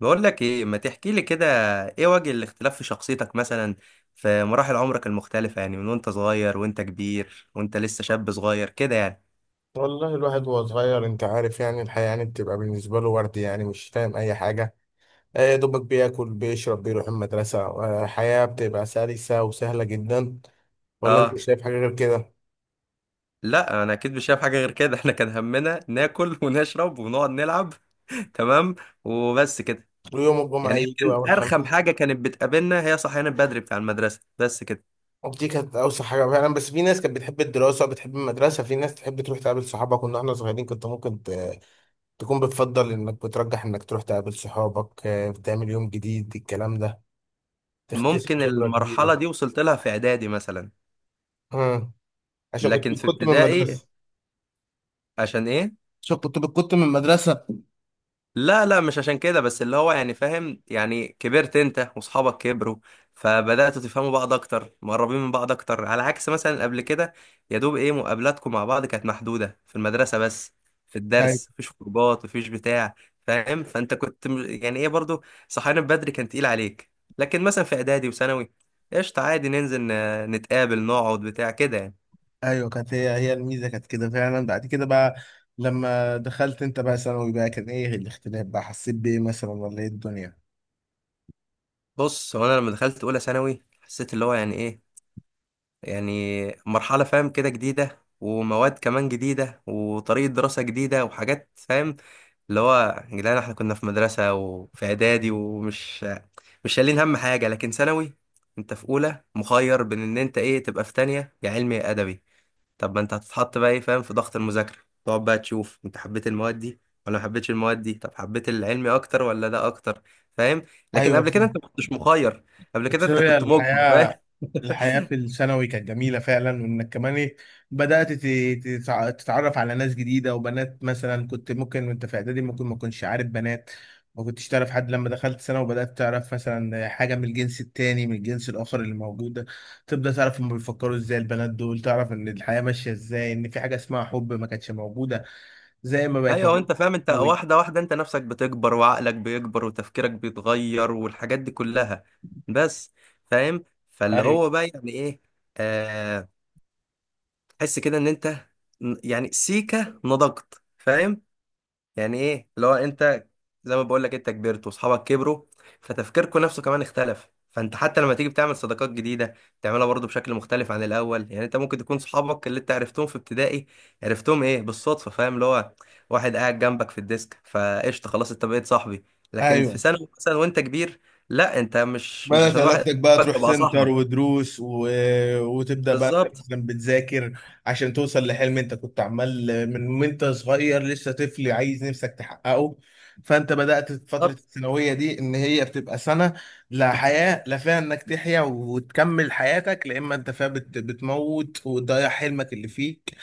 بقول لك ايه، ما تحكي لي كده. ايه وجه الاختلاف في شخصيتك مثلا في مراحل عمرك المختلفة؟ يعني من وانت صغير وانت كبير وانت لسه شاب صغير كده يعني. والله الواحد وهو صغير انت عارف يعني الحياة يعني بتبقى بالنسبة له ورد، يعني مش فاهم أي حاجة. يا دوبك بياكل بيشرب بيروح المدرسة، حياة بتبقى سلسة وسهلة جدا. ولا انت اه، شايف حاجة غير كده؟ لا انا اكيد مش شايف حاجة غير كده. احنا كان همنا ناكل ونشرب ونقعد نلعب. تمام، وبس كده. ويوم الجمعة يعني يجي وأول يمكن الخميس. ارخم حاجة كانت بتقابلنا هي صحيان بدري بتاع المدرسة، بس كده. ودي كانت أوسع حاجة فعلا، بس في ناس كانت بتحب الدراسة بتحب المدرسة، في ناس تحب تروح تقابل صحابك. كنا احنا صغيرين كنت ممكن تكون بتفضل إنك بترجح إنك تروح تقابل صحابك، بتعمل يوم جديد الكلام ده، تكتسب ممكن خبرة المرحلة جديدة. دي وصلت لها في اعدادي مثلا، مم. عشان كنت لكن في كنت من ابتدائي المدرسة. عشان ايه؟ عشان كنت من المدرسة. لا لا، مش عشان كده، بس اللي هو يعني فاهم، يعني كبرت انت واصحابك كبروا، فبدأتوا تفهموا بعض اكتر، مقربين من بعض اكتر، على عكس مثلا قبل كده. يا دوب ايه مقابلاتكم مع بعض كانت محدودة في المدرسة بس، في أيوة. الدرس، مفيش خروجات مفيش بتاع. فاهم؟ فانت كنت يعني ايه برضو صحيان بدري كان تقيل عليك، لكن مثلا في اعدادي وثانوي قشطة، عادي ننزل نتقابل نقعد بتاع كده يعني. أيوة، كانت هي هي الميزة كانت كده فعلا. بعد كده بقى لما دخلت أنت بقى ثانوي بقى كان إيه الاختلاف بقى، حسيت بإيه مثلا، ولا إيه الدنيا؟ بص، هو انا لما دخلت اولى ثانوي حسيت اللي هو يعني ايه، يعني مرحلة فاهم كده جديدة، ومواد كمان جديدة، وطريقة دراسة جديدة، وحاجات فاهم، اللي هو يا جدعان احنا كنا في مدرسة وفي إعدادي ومش مش شايلين هم حاجة، لكن ثانوي انت في أولى مخير بين إن انت ايه تبقى في تانية، يا علمي يا أدبي. طب ما انت هتتحط بقى ايه فاهم في ضغط المذاكرة، تقعد بقى تشوف انت حبيت المواد دي ولا ما حبيتش المواد دي، طب حبيت العلمي أكتر ولا ده أكتر، فاهم؟ لكن أيوة، قبل كده انت ما كنتش مخير، قبل كده بس انت هي كنت مجبر، فاهم؟ الحياة. الحياة في الثانوي كانت جميلة فعلا، وإنك كمان إيه بدأت تتعرف على ناس جديدة وبنات، مثلا كنت ممكن وأنت في إعدادي ممكن ما كنتش عارف بنات، ما كنتش تعرف حد، لما دخلت ثانوي وبدأت تعرف مثلا حاجة من الجنس التاني، من الجنس الآخر اللي موجودة، تبدأ تعرف هما بيفكروا إزاي البنات دول، تعرف إن الحياة ماشية إزاي، إن في حاجة اسمها حب ما كانتش موجودة زي ما بقت ايوه موجودة انت فاهم، في انت الثانوي. واحده واحده انت نفسك بتكبر، وعقلك بيكبر، وتفكيرك بيتغير، والحاجات دي كلها. بس فاهم، فاللي أيوه هو بقى يعني ايه، آه، تحس كده ان انت يعني سيكه نضجت فاهم، يعني ايه اللي هو انت، زي ما بقول لك، انت كبرت واصحابك كبروا، فتفكيركم نفسه كمان اختلف، فانت حتى لما تيجي بتعمل صداقات جديده بتعملها برضو بشكل مختلف عن الاول. يعني انت ممكن تكون صحابك اللي انت عرفتهم في ابتدائي عرفتهم ايه بالصدفه، فاهم، اللي هو واحد قاعد جنبك في الديسك فقشطه خلاص انت بقيت صاحبي، لكن في أيوه، ثانوي مثلا وانت كبير، لا انت مش بدأت عشان واحد علاقتك قاعد بقى جنبك تروح تبقى سنتر صاحبك. ودروس وتبدأ بقى أنت بالظبط. مثلا بتذاكر عشان توصل لحلم انت كنت عمال من وانت صغير لسه طفل عايز نفسك تحققه. فانت بدأت في فترة بالظبط. الثانوية دي ان هي بتبقى سنة لا حياة، لا فيها انك تحيا وتكمل حياتك، لا اما انت فيها بتموت وتضيع حلمك اللي فيك،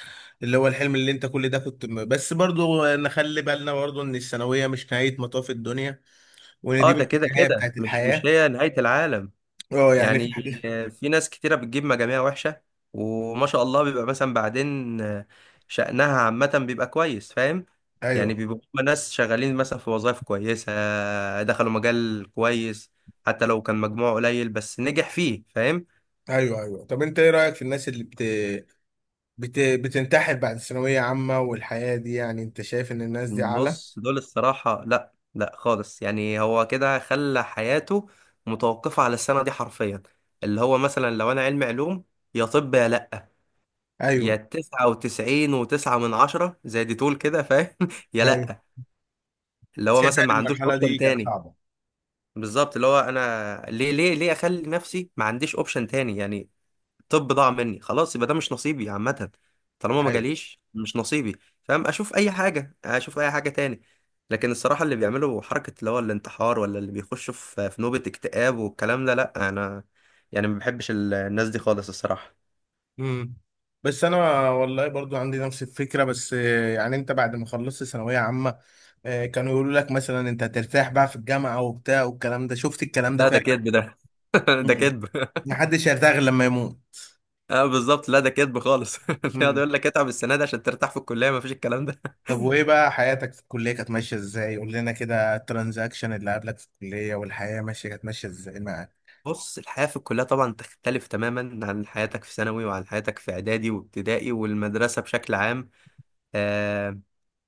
اللي هو الحلم اللي انت كل ده كنت بس برضو نخلي بالنا برضو ان الثانوية مش نهاية مطاف الدنيا، وان اه، دي مش ده كده النهاية كده بتاعت مش الحياة. هي نهايه العالم. اه، يعني في يعني حاجة. في ناس كتيرة بتجيب مجاميع وحشة وما شاء الله بيبقى مثلا بعدين شأنها عامة بيبقى كويس، فاهم، يعني ايوه بيبقوا هما ناس شغالين مثلا في وظائف كويسة، دخلوا مجال كويس، حتى لو كان مجموعه قليل بس نجح فيه، فاهم. ايوه ايوه، طب انت ايه رايك في الناس اللي بتنتحر بعد ثانويه عامه والحياه دي؟ يعني انت شايف ان الناس دي اعلى؟ بص، دول الصراحة لا لا خالص، يعني هو كده خلى حياته متوقفة على السنة دي حرفيا، اللي هو مثلا لو أنا علمي علوم يا طب يا لا، يا ايوه 99.9 من 10 زي دي تقول كده فاهم، يا ايوه، لأ، اللي هو شايف مثلا يعني ما عندوش المرحله أوبشن دي كانت تاني. صعبه؟ بالظبط، اللي هو أنا ليه ليه ليه أخلي نفسي ما عنديش أوبشن تاني يعني، طب ضاع مني خلاص يبقى ده مش نصيبي عامة، طالما ما ايوه. جاليش مش نصيبي، فاهم، أشوف أي حاجة، أشوف أي حاجة تاني. لكن الصراحة اللي بيعملوا حركة اللي هو الانتحار، ولا اللي بيخشوا في نوبة اكتئاب والكلام ده، لأ، أنا يعني ما بحبش الناس دي خالص الصراحة. امم، بس انا والله برضو عندي نفس الفكره، بس يعني انت بعد ما خلصت ثانويه عامه، كانوا يقولوا لك مثلا انت هترتاح بقى في الجامعه وبتاع والكلام ده، شفت الكلام ده لا ده فعلا؟ كدب ده. ده مم. كدب. محدش هيرتاح غير لما يموت. اه بالظبط، لا ده كدب خالص. يقعد يقول لك اتعب السنه دي عشان ترتاح في الكليه، ما فيش الكلام ده. طب وايه بقى حياتك في الكلية كانت ماشية ازاي؟ قول لنا كده الترانزاكشن اللي قابلك في الكلية والحياة ماشية كانت ماشية ازاي معاك؟ بص، الحياه في الكليه طبعا تختلف تماما عن حياتك في ثانوي، وعن حياتك في اعدادي وابتدائي والمدرسه بشكل عام. آه،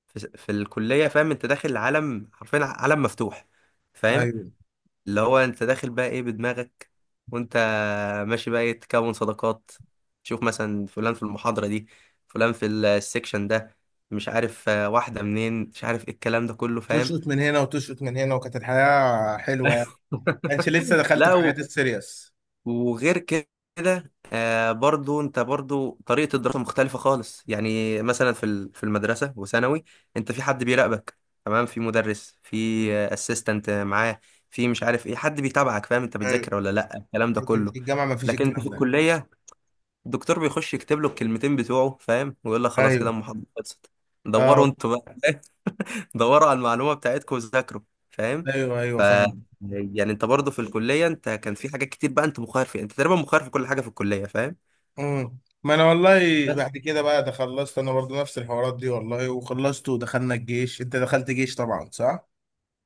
في الكليه فاهم انت داخل عالم، حرفيا عالم مفتوح، فاهم، ايوه، اللي هو انت داخل بقى ايه بدماغك، وانت ماشي بقى ايه تكون صداقات، تشوف مثلا فلان في المحاضره دي، فلان في السكشن ده، مش عارف واحده منين، مش عارف ايه الكلام ده كله فاهم. تشقط من هنا وتشقط من هنا، وكانت الحياة حلوة يعني. كانش لسه دخلت لا في حياة السيريس. وغير كده آه، برضو انت برضو طريقة الدراسة مختلفة خالص. يعني مثلا في في المدرسة وثانوي انت في حد بيراقبك، تمام، في مدرس، في اسيستنت معاه، في مش عارف ايه، حد بيتابعك، فاهم، انت ايوه، بتذاكر ولا لا، الكلام ده لكن كله. في الجامعة ما فيش لكن انت الكلام في ده. الكلية الدكتور بيخش يكتب له الكلمتين بتوعه فاهم، ويقول لك خلاص كده ايوه، المحاضرة خلصت، دوروا اه، انتوا بقى، دوروا على المعلومة بتاعتكم وذاكروا، فاهم. ايوه ف ايوه فاهم. يعني انت برضه في الكلية انت كان في حاجات كتير بقى انت مخير فيها، انت تقريبا مخير في كل حاجة في الكلية فاهم. امم، ما انا والله بس. بعد كده بقى ده خلصت انا برضه نفس الحوارات دي والله، وخلصت ودخلنا الجيش. انت دخلت جيش طبعا، صح؟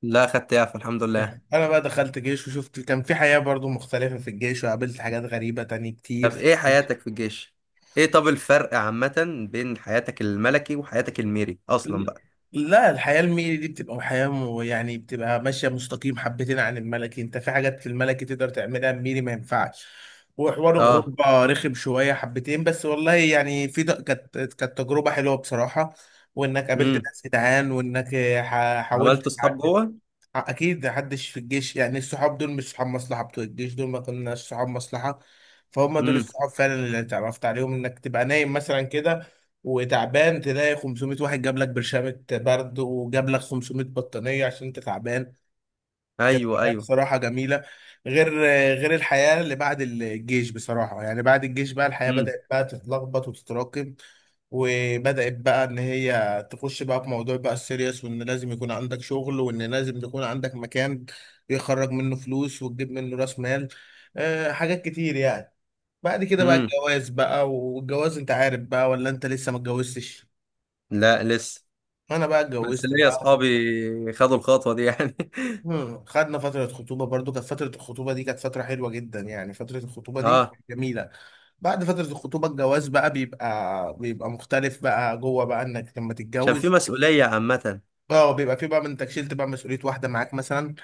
لا، خدت يعفى الحمد لله. يعني انا بقى دخلت جيش وشفت كان في حياة برضو مختلفة في الجيش، وقابلت حاجات غريبة تانية طب كتير. ايه حياتك في الجيش، ايه طب الفرق عامة بين حياتك الملكي وحياتك الميري اصلا بقى؟ لا الحياة الميري دي بتبقى حياة يعني بتبقى ماشية مستقيم حبتين عن الملكي، انت في حاجات في الملكي تقدر تعملها الميري ما ينفعش. وحوار اه. الغربة رخم شوية حبتين، بس والله يعني في كانت تجربة حلوة بصراحة. وانك قابلت امم. ناس جدعان، وانك حاولت عملت اصحاب تعدي. جوه. اكيد محدش في الجيش يعني، الصحاب دول مش صحاب مصلحه، بتوع الجيش دول ما كناش صحاب مصلحه، فهم دول امم. الصحاب فعلا اللي اتعرفت عليهم. انك تبقى نايم مثلا كده وتعبان، تلاقي 500 واحد جاب لك برشامه برد، وجاب لك 500 بطانيه عشان انت تعبان. كانت ايوه، الحياة ايوه. بصراحة جميلة. غير غير الحياة اللي بعد الجيش بصراحة، يعني بعد الجيش بقى الحياة امم. بدأت بقى تتلخبط وتتراكم، وبدأت بقى إن هي تخش بقى في موضوع بقى السيريس، وإن لازم يكون عندك شغل، وإن لازم يكون عندك مكان يخرج منه فلوس وتجيب منه رأس مال. أه، حاجات كتير يعني. بعد كده بقى امم. الجواز بقى، والجواز أنت عارف بقى، ولا أنت لسه ما اتجوزتش؟ لا لسه، أنا بقى بس اتجوزت ليا بقى. اصحابي خدوا الخطوة دي يعني. مم. خدنا فترة خطوبة برضو، كانت فترة الخطوبة دي كانت فترة حلوة جدا يعني، فترة الخطوبة دي اه. جميلة. بعد فترة الخطوبة الجواز بقى بيبقى مختلف بقى جوه بقى انك لما عشان في تتجوز. مسؤولية عامة. اه، بيبقى في بقى من انك شلت بقى مسؤولية واحدة معاك مثلا،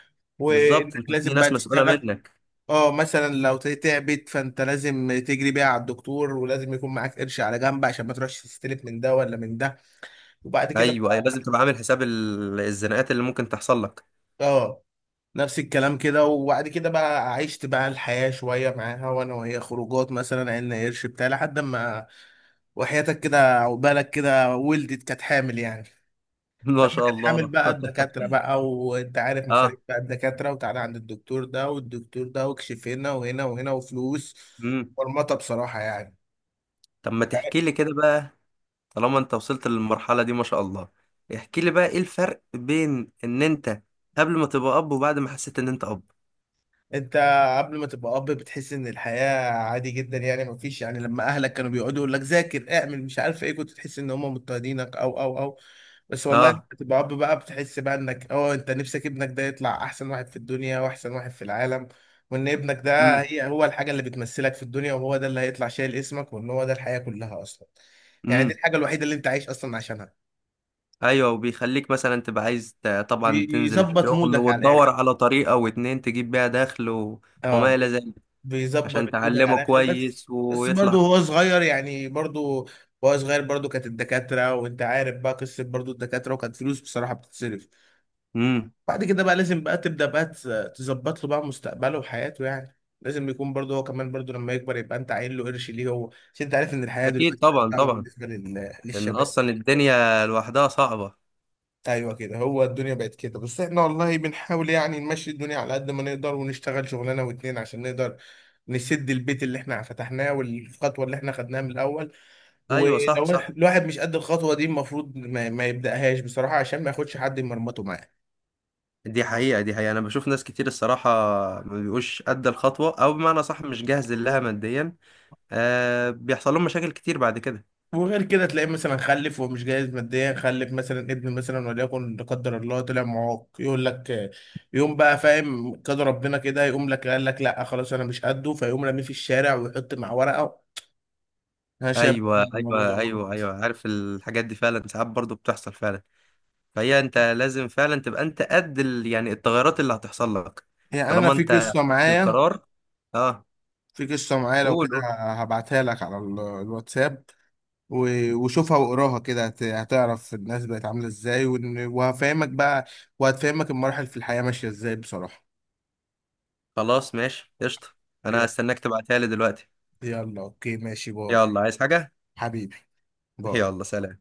بالظبط، وانك انت في لازم بقى ناس مسؤولة تشتغل. منك. اه، مثلا لو تعبت فانت لازم تجري بيها على الدكتور، ولازم يكون معاك قرش على جنب عشان ما تروحش تستلف من ده ولا من ده. وبعد كده ايوه ايوه، بقى لازم تبقى عامل حساب الزناقات اللي ممكن تحصل لك. اه نفس الكلام كده. وبعد كده بقى عشت بقى الحياة شوية معاها وانا وهي، خروجات مثلا، عيلنا قرش بتاع لحد ما، وحياتك كده عقبالك كده، ولدت كانت حامل يعني. ما شاء كانت حامل الله. بقى الدكاترة بقى وانت عارف مصاريف اه. بقى الدكاترة، وتعالى عند الدكتور ده والدكتور ده، واكشف هنا وهنا وهنا وفلوس. امم. مرمطة بصراحة يعني. طب ما تحكي لي كده بقى، طالما انت وصلت للمرحلة دي ما شاء الله، احكي لي بقى ايه الفرق بين ان انت قبل ما تبقى اب، وبعد ما حسيت ان انت اب. انت قبل ما تبقى اب بتحس ان الحياة عادي جدا يعني، ما فيش يعني، لما اهلك كانوا بيقعدوا يقول لك ذاكر اعمل مش عارف ايه، كنت تحس ان هم مضطهدينك او. بس والله لما اه. تبقى اب بقى بتحس بقى انك اه انت نفسك ابنك ده يطلع احسن واحد في الدنيا واحسن واحد في العالم، وان ابنك ده امم. هي هو الحاجة اللي بتمثلك في الدنيا، وهو ده اللي هيطلع شايل اسمك، وان هو ده الحياة كلها اصلا، يعني دي امم. الحاجة الوحيدة اللي انت عايش اصلا عشانها. ايوه، وبيخليك مثلا تبقى عايز طبعا تنزل بيظبط الشغل مودك على وتدور الاخر. على طريقة واتنين تجيب بيها دخل وما اه، الى ذلك بيظبط عشان مودك تعلمه على الاخر بس. كويس بس برضه ويطلع. هو صغير يعني، برضه وهو صغير برضه كانت الدكاترة وانت عارف بقى قصة برضه الدكاترة، وكانت فلوس بصراحة بتتصرف. امم. بعد كده بقى لازم بقى تبدأ بقى تظبط له بقى مستقبله وحياته، يعني لازم يكون برضه هو كمان برضه لما يكبر يبقى انت عاين له قرش ليه هو، عشان انت عارف ان الحياة اكيد دلوقتي بقت طبعا صعبة طبعا، بالنسبة لان للشباب. اصلا الدنيا لوحدها صعبه. ايوه كده، هو الدنيا بقت كده، بس احنا والله بنحاول يعني نمشي الدنيا على قد ما نقدر، ونشتغل شغلانه واتنين عشان نقدر نسد البيت اللي احنا فتحناه، والخطوه اللي احنا خدناها من الاول. ايوه صح ولو صح، الواحد مش قد الخطوه دي المفروض ما يبداهاش بصراحه، عشان ما ياخدش حد يمرمطه معاه. دي حقيقه، دي حقيقه، انا بشوف ناس كتير الصراحه ما بيبقوش قد الخطوه، او بمعنى صح مش جاهز لها ماديا، آه بيحصل لهم مشاكل كتير بعد كده. وغير كده تلاقيه مثلا خلف ومش جاهز ماديا، خلف مثلا ابن مثلا وليكن لا قدر الله طلع معاق، يقول لك يوم بقى فاهم قدر ربنا كده، يقوم لك قال لك لا خلاص انا مش قده، فيقوم راميه في الشارع ويحط مع ورقه. انا شايف برضه ايوه إن الموضوع ده ايوه ايوه غلط. ايوه، عارف، الحاجات دي فعلا ساعات برضو بتحصل فعلا. فهي انت لازم فعلا تبقى انت قد يعني التغيرات اللي هتحصل لك يعني انا طالما في انت قصه خدت معايا، القرار. اه، في قصه معايا لو قول كده قول. هبعتها لك على الواتساب، وشوفها واقراها كده، هتعرف الناس بقت عامله ازاي، وهفهمك بقى، وهتفهمك المراحل في الحياه ماشيه ازاي بصراحه. خلاص ماشي قشطه، انا يلا، هستناك تبعتها لي دلوقتي. يلا اوكي ماشي بابا. يلا عايز حاجه؟ حبيبي بابا. يلا سلام.